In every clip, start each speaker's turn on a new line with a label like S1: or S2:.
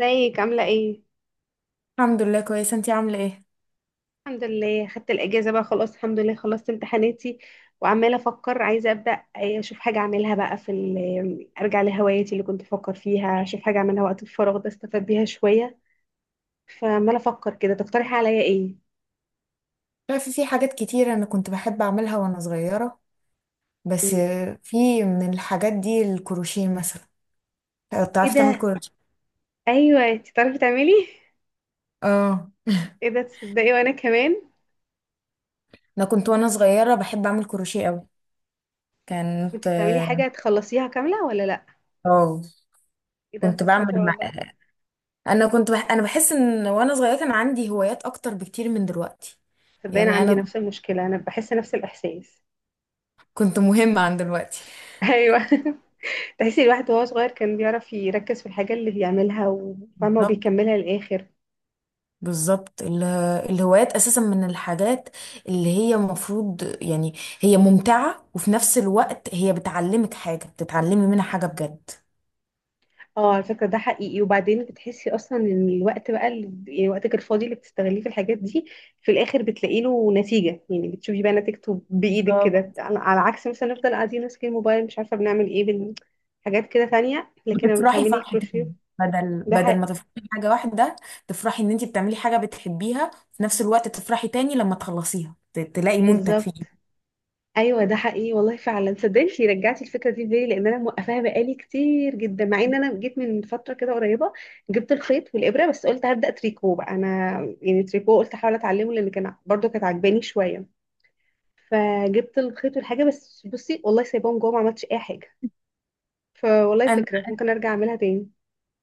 S1: ازيك؟ عاملة ايه؟
S2: الحمد لله كويسة، انتي عاملة ايه؟
S1: الحمد لله، خدت الأجازة بقى، خلاص الحمد لله خلصت امتحاناتي. وعمالة أفكر، عايزة أبدأ أشوف حاجة أعملها بقى أرجع لهواياتي اللي كنت بفكر فيها، أشوف حاجة أعملها وقت الفراغ ده أستفاد بيها شوية. فعمالة أفكر كده، تقترحي عليا ايه؟
S2: عارفة في حاجات كتير انا كنت بحب اعملها وانا صغيرة. بس
S1: مم.
S2: في من الحاجات دي الكروشيه مثلا.
S1: ايه
S2: بتعرفي تعمل
S1: ده؟
S2: كروشيه؟
S1: أيوه، انتي بتعرفي تعملي؟
S2: اه،
S1: ايه ده، تصدقي وأنا كمان.
S2: انا كنت وانا صغيرة بحب اعمل كروشيه قوي. كانت،
S1: وانتي بتعملي حاجة تخلصيها كاملة ولا لأ؟
S2: اه،
S1: ايه ده،
S2: كنت
S1: طب
S2: بعمل
S1: شاطرة
S2: مع...
S1: والله.
S2: انا كنت بح... انا بحس ان وانا صغيرة كان عندي هوايات اكتر بكتير من دلوقتي.
S1: تصدقني أنا
S2: يعني
S1: عندي
S2: انا
S1: نفس المشكلة، أنا بحس نفس الإحساس.
S2: كنت مهمة عن دلوقتي.
S1: أيوه. تحسي الواحد وهو صغير كان بيعرف يركز في الحاجة اللي بيعملها، وفاهمة
S2: بالظبط.
S1: وبيكملها للآخر.
S2: بالظبط ال- الهوايات اساسا من الحاجات اللي هي المفروض، يعني هي ممتعة وفي نفس الوقت هي بتعلمك حاجة، بتتعلمي منها حاجة بجد.
S1: اه على فكرة، ده حقيقي. وبعدين بتحسي أصلا إن الوقت بقى اللي يعني وقتك الفاضي اللي بتستغليه في الحاجات دي، في الآخر بتلاقي له نتيجة، يعني بتشوفي بقى نتيجته بإيدك
S2: بالظبط،
S1: كده، على عكس مثلا نفضل قاعدين ماسكين الموبايل مش عارفة بنعمل إيه، حاجات كده تانية. لكن لما
S2: بتفرحي
S1: بتعملي كروشيه،
S2: فرحتين، بدل
S1: ده
S2: بدل ما
S1: حقيقي.
S2: تفرحي بحاجة واحدة. تفرحي ان انتي بتعملي حاجة بتحبيها، في نفس الوقت تفرحي تاني لما تخلصيها تلاقي منتج فيه.
S1: بالظبط. ايوه ده حقيقي والله فعلا، صدقني رجعتي الفكره دي في بالي، لان انا موقفاها بقالي كتير جدا، مع ان انا جيت من فتره كده قريبه جبت الخيط والابره، بس قلت هبدا تريكو بقى انا. يعني تريكو قلت احاول اتعلمه لان كان برضو كانت عجباني شويه. فجبت الخيط والحاجه، بس بصي والله سايباهم جوه ما عملتش اي حاجه. فوالله فكره ممكن ارجع اعملها تاني.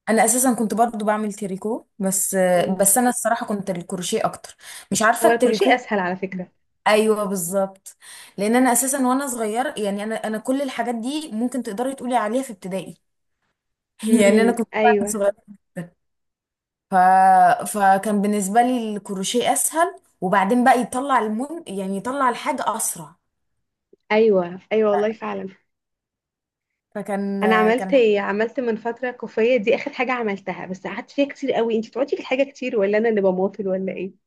S2: انا اساسا كنت برضو بعمل تريكو، بس
S1: مم.
S2: بس انا الصراحه كنت الكروشيه اكتر. مش عارفه
S1: هو الكروشيه
S2: التريكو.
S1: اسهل على فكره.
S2: ايوه بالظبط. لان انا اساسا وانا صغير، يعني انا كل الحاجات دي ممكن تقدري تقولي عليها في ابتدائي. يعني انا كنت فعلا
S1: ايوه.
S2: صغيره جدا. ف... فكان بالنسبه لي الكروشيه اسهل، وبعدين بقى يطلع المن، يعني يطلع الحاجه اسرع.
S1: ايوه ايوه والله فعلا.
S2: فكان،
S1: انا عملت
S2: كان
S1: إيه؟ عملت من فتره كوفيه، دي اخر حاجه عملتها، بس قعدت فيها كتير قوي. انت بتقعدي في الحاجه كتير ولا انا اللي بماطل ولا ايه؟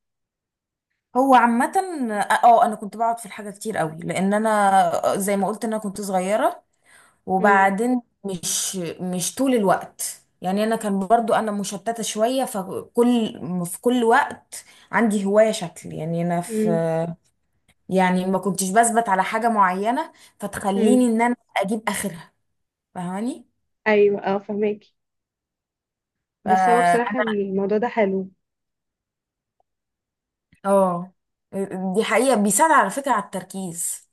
S2: هو عامة، اه، انا كنت بقعد في الحاجة كتير قوي لان انا زي ما قلت انا كنت صغيرة.
S1: امم.
S2: وبعدين مش طول الوقت، يعني انا كان برضو انا مشتتة شوية. فكل، في كل وقت عندي هواية شكل، يعني انا في،
S1: امم.
S2: يعني ما كنتش بثبت على حاجة معينة فتخليني
S1: امم
S2: ان انا اجيب اخرها. فاهماني.
S1: ايوه، اه فهماكي. بس هو
S2: فانا،
S1: بصراحه الموضوع ده حلو.
S2: اه، دي حقيقة بيساعد على فكرة على التركيز.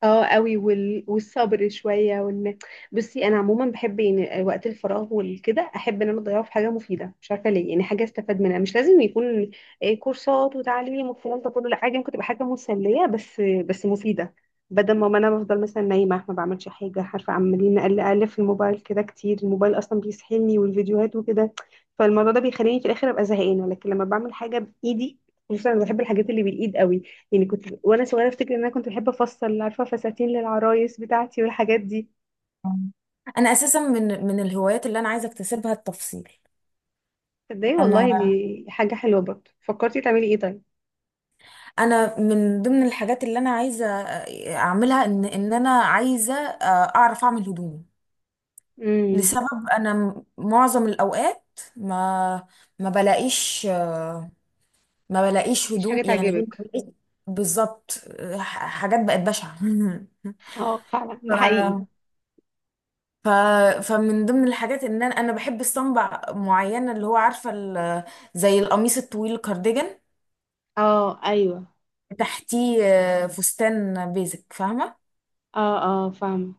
S1: اه قوي، والصبر شويه وان، بصي انا عموما بحب يعني وقت الفراغ والكده، احب ان انا اضيعه في حاجه مفيده، مش عارفه ليه يعني، حاجه استفاد منها. مش لازم يكون كورسات وتعليم والكلام ده كله، لا، حاجه ممكن تبقى حاجه مسليه بس مفيده. بدل ما انا بفضل مثلا نايمه ما بعملش حاجه، عارفه عمالين اقل اقل في الموبايل كده كتير، الموبايل اصلا بيسحلني والفيديوهات وكده. فالموضوع ده بيخليني في الاخر ابقى زهقانه، لكن لما بعمل حاجه بايدي، خصوصا أنا بحب الحاجات اللي بالايد قوي. يعني كنت وانا صغيره افتكر ان انا كنت بحب افصل، عارفه فساتين للعرايس بتاعتي والحاجات دي.
S2: انا اساسا من الهوايات اللي انا عايزة اكتسبها التفصيل.
S1: تصدقي والله
S2: انا،
S1: دي حاجه حلوه برضه، فكرتي تعملي ايه طيب؟
S2: انا من ضمن الحاجات اللي انا عايزه اعملها ان انا عايزه، اعرف اعمل هدومي.
S1: امم.
S2: لسبب انا معظم الاوقات ما، ما بلاقيش، ما بلاقيش
S1: مفيش
S2: هدوم،
S1: حاجه
S2: يعني ما
S1: تعجبك.
S2: بلاقيش. بالظبط. حاجات بقت بشعه.
S1: اه فعلا
S2: ف
S1: ده حقيقي.
S2: ف فمن ضمن الحاجات ان انا بحب الصنبع معينه، اللي هو عارفه زي القميص الطويل الكارديجان
S1: اه. ايوه
S2: تحتيه، فستان بيزك، فاهمه.
S1: اه اه فاهمه.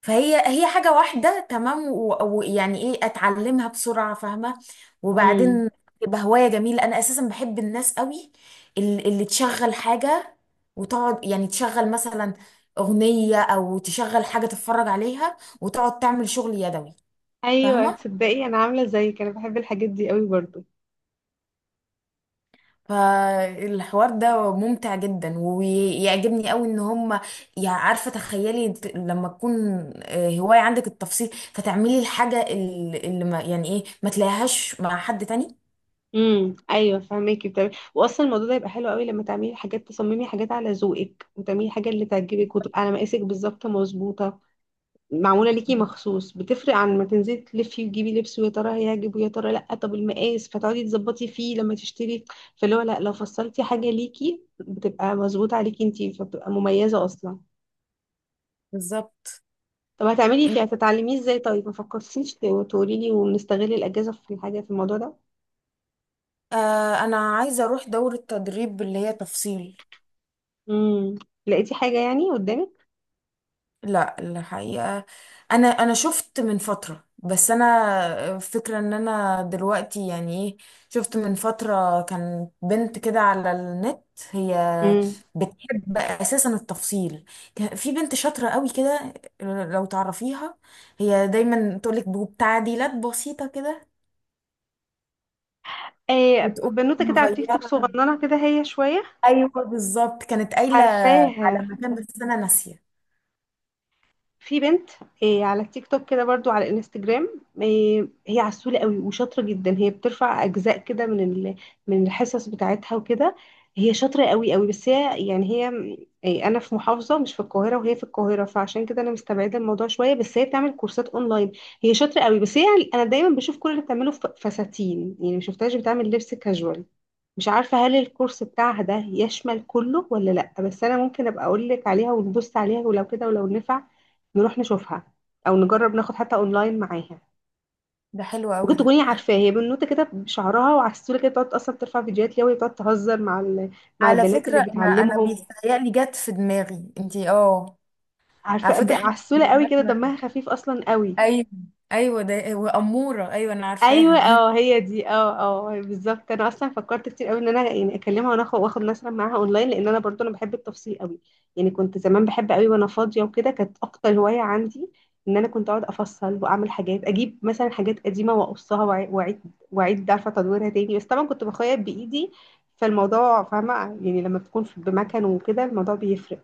S2: فهي حاجة واحدة تمام ويعني ايه، اتعلمها بسرعة، فاهمة.
S1: امم
S2: وبعدين تبقى هواية جميلة. انا اساسا بحب الناس قوي اللي تشغل حاجة وتقعد، يعني تشغل مثلا اغنية او تشغل حاجة تتفرج عليها وتقعد تعمل شغل يدوي.
S1: ايوه.
S2: فاهمة.
S1: تصدقي انا عامله زيك، انا بحب الحاجات دي قوي برضو.
S2: فالحوار ده ممتع جدا ويعجبني قوي ان هم، يعني عارفه تخيلي انت لما تكون، هوايه عندك التفصيل فتعملي الحاجه اللي ما، يعني ايه، ما تلاقيهاش مع حد تاني.
S1: ايوه فاهماكي. بتعملي واصلا الموضوع ده يبقى حلو قوي لما تعملي حاجات، تصممي حاجات على ذوقك، وتعملي حاجه اللي تعجبك وتبقى على مقاسك بالظبط مظبوطه، معمولة ليكي مخصوص. بتفرق عن ما تنزلي تلفي وتجيبي لبس، ويا ترى هيعجب ويا ترى لأ، طب المقاس فتقعدي تظبطي فيه لما تشتري. فاللي هو لأ، لو فصلتي حاجة ليكي بتبقى مظبوطة عليكي انتي، فبتبقى مميزة أصلا.
S2: بالظبط.
S1: طب هتعملي فيه، هتتعلميه ازاي طيب؟ ما فكرتيش تقولي لي ونستغل الأجازة في الحاجة في الموضوع ده؟
S2: انا عايزه اروح دوره تدريب اللي هي تفصيل.
S1: امم. لقيتي حاجة يعني قدامك؟
S2: لا، الحقيقة انا، انا شفت من فترة، بس انا فكرة ان انا دلوقتي، يعني ايه، شفت من فترة كان بنت كده على النت، هي
S1: امم.
S2: بتحب اساسا التفصيل. كان في بنت شاطرة قوي كده، لو تعرفيها، هي دايما تقولك بتعديلات بسيطة كده
S1: ايه،
S2: وتقوم
S1: بنوتة كده على التيك توك،
S2: مغيرة.
S1: صغننة كده هي شوية؟
S2: ايوه بالظبط، كانت قايلة
S1: حرفاها.
S2: على مكان بس انا ناسية.
S1: في بنت. إيه على التيك توك كده برضو على الانستجرام؟ إيه هي عسولة قوي وشاطرة جدا، هي بترفع أجزاء كده من الحصص بتاعتها وكده. هي شاطرة قوي قوي، بس هي يعني هي، إيه أنا في محافظة مش في القاهرة وهي في القاهرة، فعشان كده أنا مستبعدة الموضوع شوية، بس هي بتعمل كورسات أونلاين. هي شاطرة قوي، بس هي، أنا دايما بشوف كل اللي بتعمله فساتين، يعني مشوفتهاش بتعمل لبس كاجوال. مش عارفة هل الكورس بتاعها ده يشمل كله ولا لأ، بس أنا ممكن أبقى أقول لك عليها ونبص عليها، ولو كده ولو نفع نروح نشوفها، أو نجرب ناخد حتى أونلاين معاها.
S2: ده حلو قوي
S1: ممكن
S2: ده.
S1: تكوني عارفاه، هي بنوتة كده بشعرها وعلى السولة كده، بتقعد أصلا ترفع فيديوهات ليها، وهي بتقعد تهزر مع مع
S2: على
S1: البنات اللي
S2: فكرة انا، انا
S1: بتعلمهم.
S2: بيتهيألي جت في دماغي انتي، اه، على
S1: عارفة
S2: فكرة احنا
S1: عسولة قوي كده،
S2: مامتنا.
S1: دمها خفيف أصلا قوي.
S2: ايوه، ايوه ده واموره، ايوه انا
S1: ايوه
S2: عارفاها.
S1: اه، هي دي اه اه بالظبط. انا اصلا فكرت كتير قوي ان انا يعني اكلمها وناخد نسرة معاها اونلاين، لان انا برضو انا بحب التفصيل قوي. يعني كنت زمان بحب قوي وانا فاضيه وكده، كانت اكتر هوايه عندي ان انا كنت اقعد افصل واعمل حاجات، اجيب مثلا حاجات قديمه واقصها واعيد، عارفه تدويرها تاني، بس طبعا كنت بخيط بايدي. فالموضوع فاهمه يعني لما بتكون بمكان وكده الموضوع بيفرق.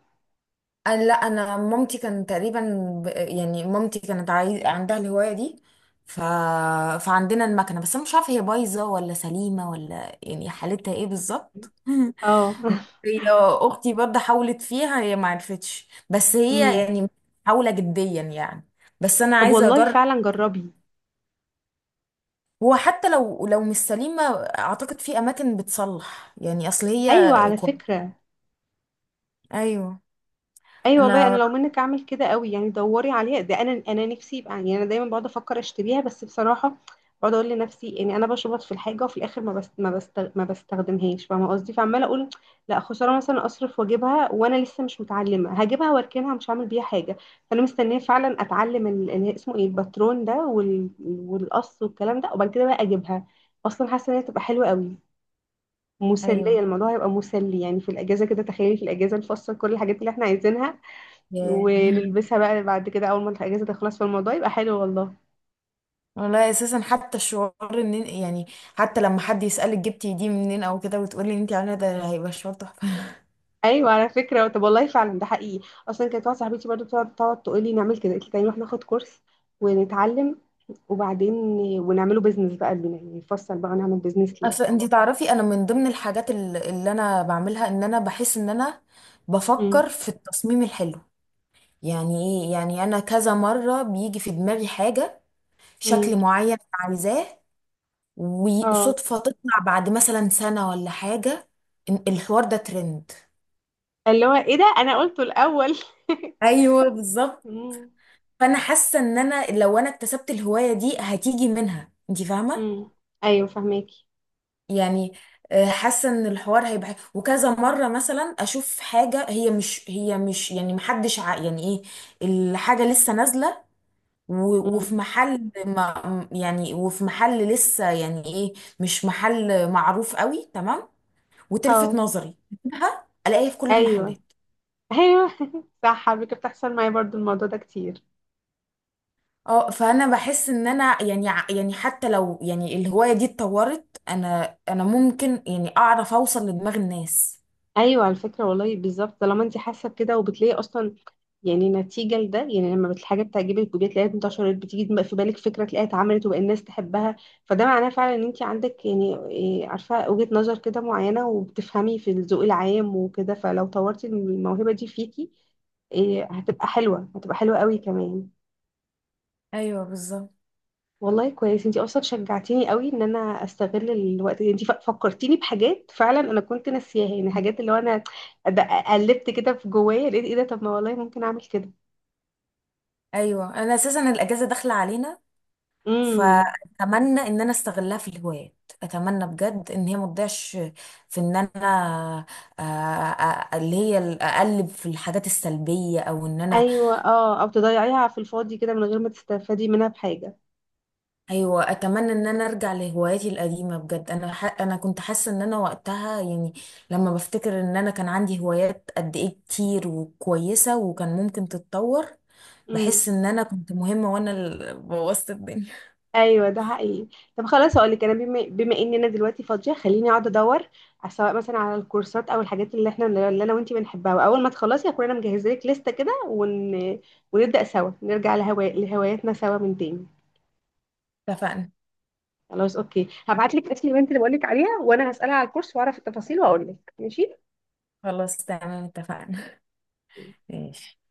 S2: أنا لا، انا مامتي كان تقريبا، يعني مامتي كانت عايز عندها الهوايه دي. ف... فعندنا المكنه، بس انا مش عارفه هي بايظه ولا سليمه، ولا يعني حالتها ايه بالظبط.
S1: اه.
S2: هي اختي برضه حاولت فيها، هي ما عرفتش، بس هي
S1: امم.
S2: يعني محاوله جديا يعني. بس انا
S1: طب
S2: عايزه
S1: والله
S2: اجرب.
S1: فعلا جربي.
S2: هو حتى لو، لو مش سليمة، اعتقد في اماكن بتصلح، يعني اصل
S1: ايوه
S2: هي
S1: على
S2: كويس.
S1: فكره.
S2: ايوه.
S1: ايوه والله انا
S2: انا،
S1: لو منك اعمل كده قوي، يعني دوري عليها ده، انا انا نفسي يبقى، يعني انا دايما بقعد افكر اشتريها بس بصراحه بقعد اقول لنفسي، يعني انا بشبط في الحاجه وفي الاخر ما بستخدمهاش، فاهمه قصدي؟ فعماله اقول لا خساره، مثلا اصرف واجيبها وانا لسه مش متعلمه، هجيبها واركنها مش هعمل بيها حاجه. فانا مستنيه فعلا اتعلم اللي اسمه ايه الباترون ده والقص والكلام ده، وبعد كده بقى اجيبها. اصلا حاسه ان هي تبقى حلوه قوي، مسليه.
S2: ايوه.
S1: الموضوع هيبقى مسلي يعني في الاجازه كده، تخيلي في الاجازه نفصل كل الحاجات اللي احنا عايزينها،
S2: ياه.
S1: ونلبسها بقى بعد كده اول ما الاجازه تخلص، في الموضوع يبقى حلو والله.
S2: والله اساسا حتى الشعور، ان يعني حتى لما حد يسألك جبتي دي منين او كده وتقولي انت عامله ده، هيبقى شعور تحفه.
S1: ايوه على فكره. طب والله فعلا ده حقيقي، اصلا كانت واحده صاحبتي برضو بتقعد تقول لي نعمل كده، قلت لها نروح ناخد كورس ونتعلم، وبعدين ونعمله بيزنس بقى لينا، يعني نفصل بقى ونعمل بيزنس
S2: اصل
S1: ليه.
S2: انت تعرفي انا من ضمن الحاجات اللي انا بعملها ان انا بحس ان انا بفكر
S1: امم.
S2: في التصميم الحلو، يعني ايه. يعني انا كذا مره بيجي في دماغي حاجه، شكل
S1: امم.
S2: معين أنا عايزاه،
S1: اه.
S2: وصدفة تطلع بعد مثلا سنة ولا حاجة، إن الحوار ده ترند.
S1: اللي هو ايه ده انا قلته الاول.
S2: ايوه بالظبط.
S1: امم.
S2: فانا حاسه ان انا لو انا اكتسبت الهوايه دي هتيجي منها، انت فاهمه.
S1: امم ايوه فهماكي.
S2: يعني، حاسه ان الحوار هيبقى، وكذا مره مثلا اشوف حاجه، هي مش، هي مش، يعني محدش يعني ايه، الحاجه لسه نازله، و... وفي
S1: امم
S2: محل ما، يعني وفي محل لسه، يعني ايه، مش محل معروف قوي، تمام، وتلفت
S1: اه
S2: نظري. أجيبها، الاقيها في كل
S1: ايوه
S2: المحلات.
S1: ايوه. صح على فكره، بتحصل معايا برضو الموضوع ده كتير.
S2: اه. فانا بحس ان انا يعني يعني حتى لو يعني الهوايه دي اتطورت، انا، انا ممكن يعني اعرف اوصل لدماغ الناس.
S1: ايوه على فكره والله بالظبط، طالما انت حاسه بكده وبتلاقي اصلا، يعني نتيجه لده، يعني لما الحاجه بتعجبك وبتلاقيها تلاقيها انتشرت، بتيجي في بالك فكره تلاقيها اتعملت وبقى الناس تحبها. فده معناه فعلا ان انت عندك يعني عارفه وجهه نظر كده معينه، وبتفهمي في الذوق العام وكده، فلو طورتي الموهبه دي فيكي، هتبقى حلوه، هتبقى حلوه قوي كمان.
S2: ايوه بالظبط.
S1: والله كويس، انتي اصلا شجعتيني قوي ان انا استغل الوقت. انتي فكرتيني بحاجات فعلا انا كنت ناسياها، يعني حاجات اللي هو انا د- قلبت كده في جوايا، لقيت ايه ده، طب ما والله ممكن اعمل كده.
S2: ايوه، انا اساسا الاجازه داخله علينا،
S1: امم.
S2: فاتمنى ان انا استغلها في الهوايات. اتمنى بجد ان هي ما تضيعش في ان انا، آه، آه، اللي هي اقلب في الحاجات السلبيه، او ان انا،
S1: ايوه اه، او تضيعيها في الفاضي كده من غير ما تستفادي منها بحاجه.
S2: ايوه. اتمنى ان انا ارجع لهواياتي القديمه بجد. انا كنت حاسه ان انا وقتها يعني، لما بفتكر ان انا كان عندي هوايات قد ايه كتير وكويسه وكان ممكن تتطور.
S1: امم.
S2: بحس ان انا كنت مهمه وانا اللي بوظت الدنيا.
S1: ايوه ده حقيقي. طب خلاص، هقول لك انا بما ان انا دلوقتي فاضيه، خليني اقعد ادور سواء مثلا على الكورسات او الحاجات اللي احنا اللي انا وانتي بنحبها، واول ما تخلصي هكون انا مجهزه لك لسته كده ونبدا سوا نرجع لهواياتنا سوا من تاني.
S2: اتفقنا.
S1: خلاص اوكي، هبعت لك اسم البنت اللي بقول لك عليها، وانا هسالها على الكورس واعرف التفاصيل واقول لك. ماشي.
S2: خلاص تمام، اتفقنا. ماشي.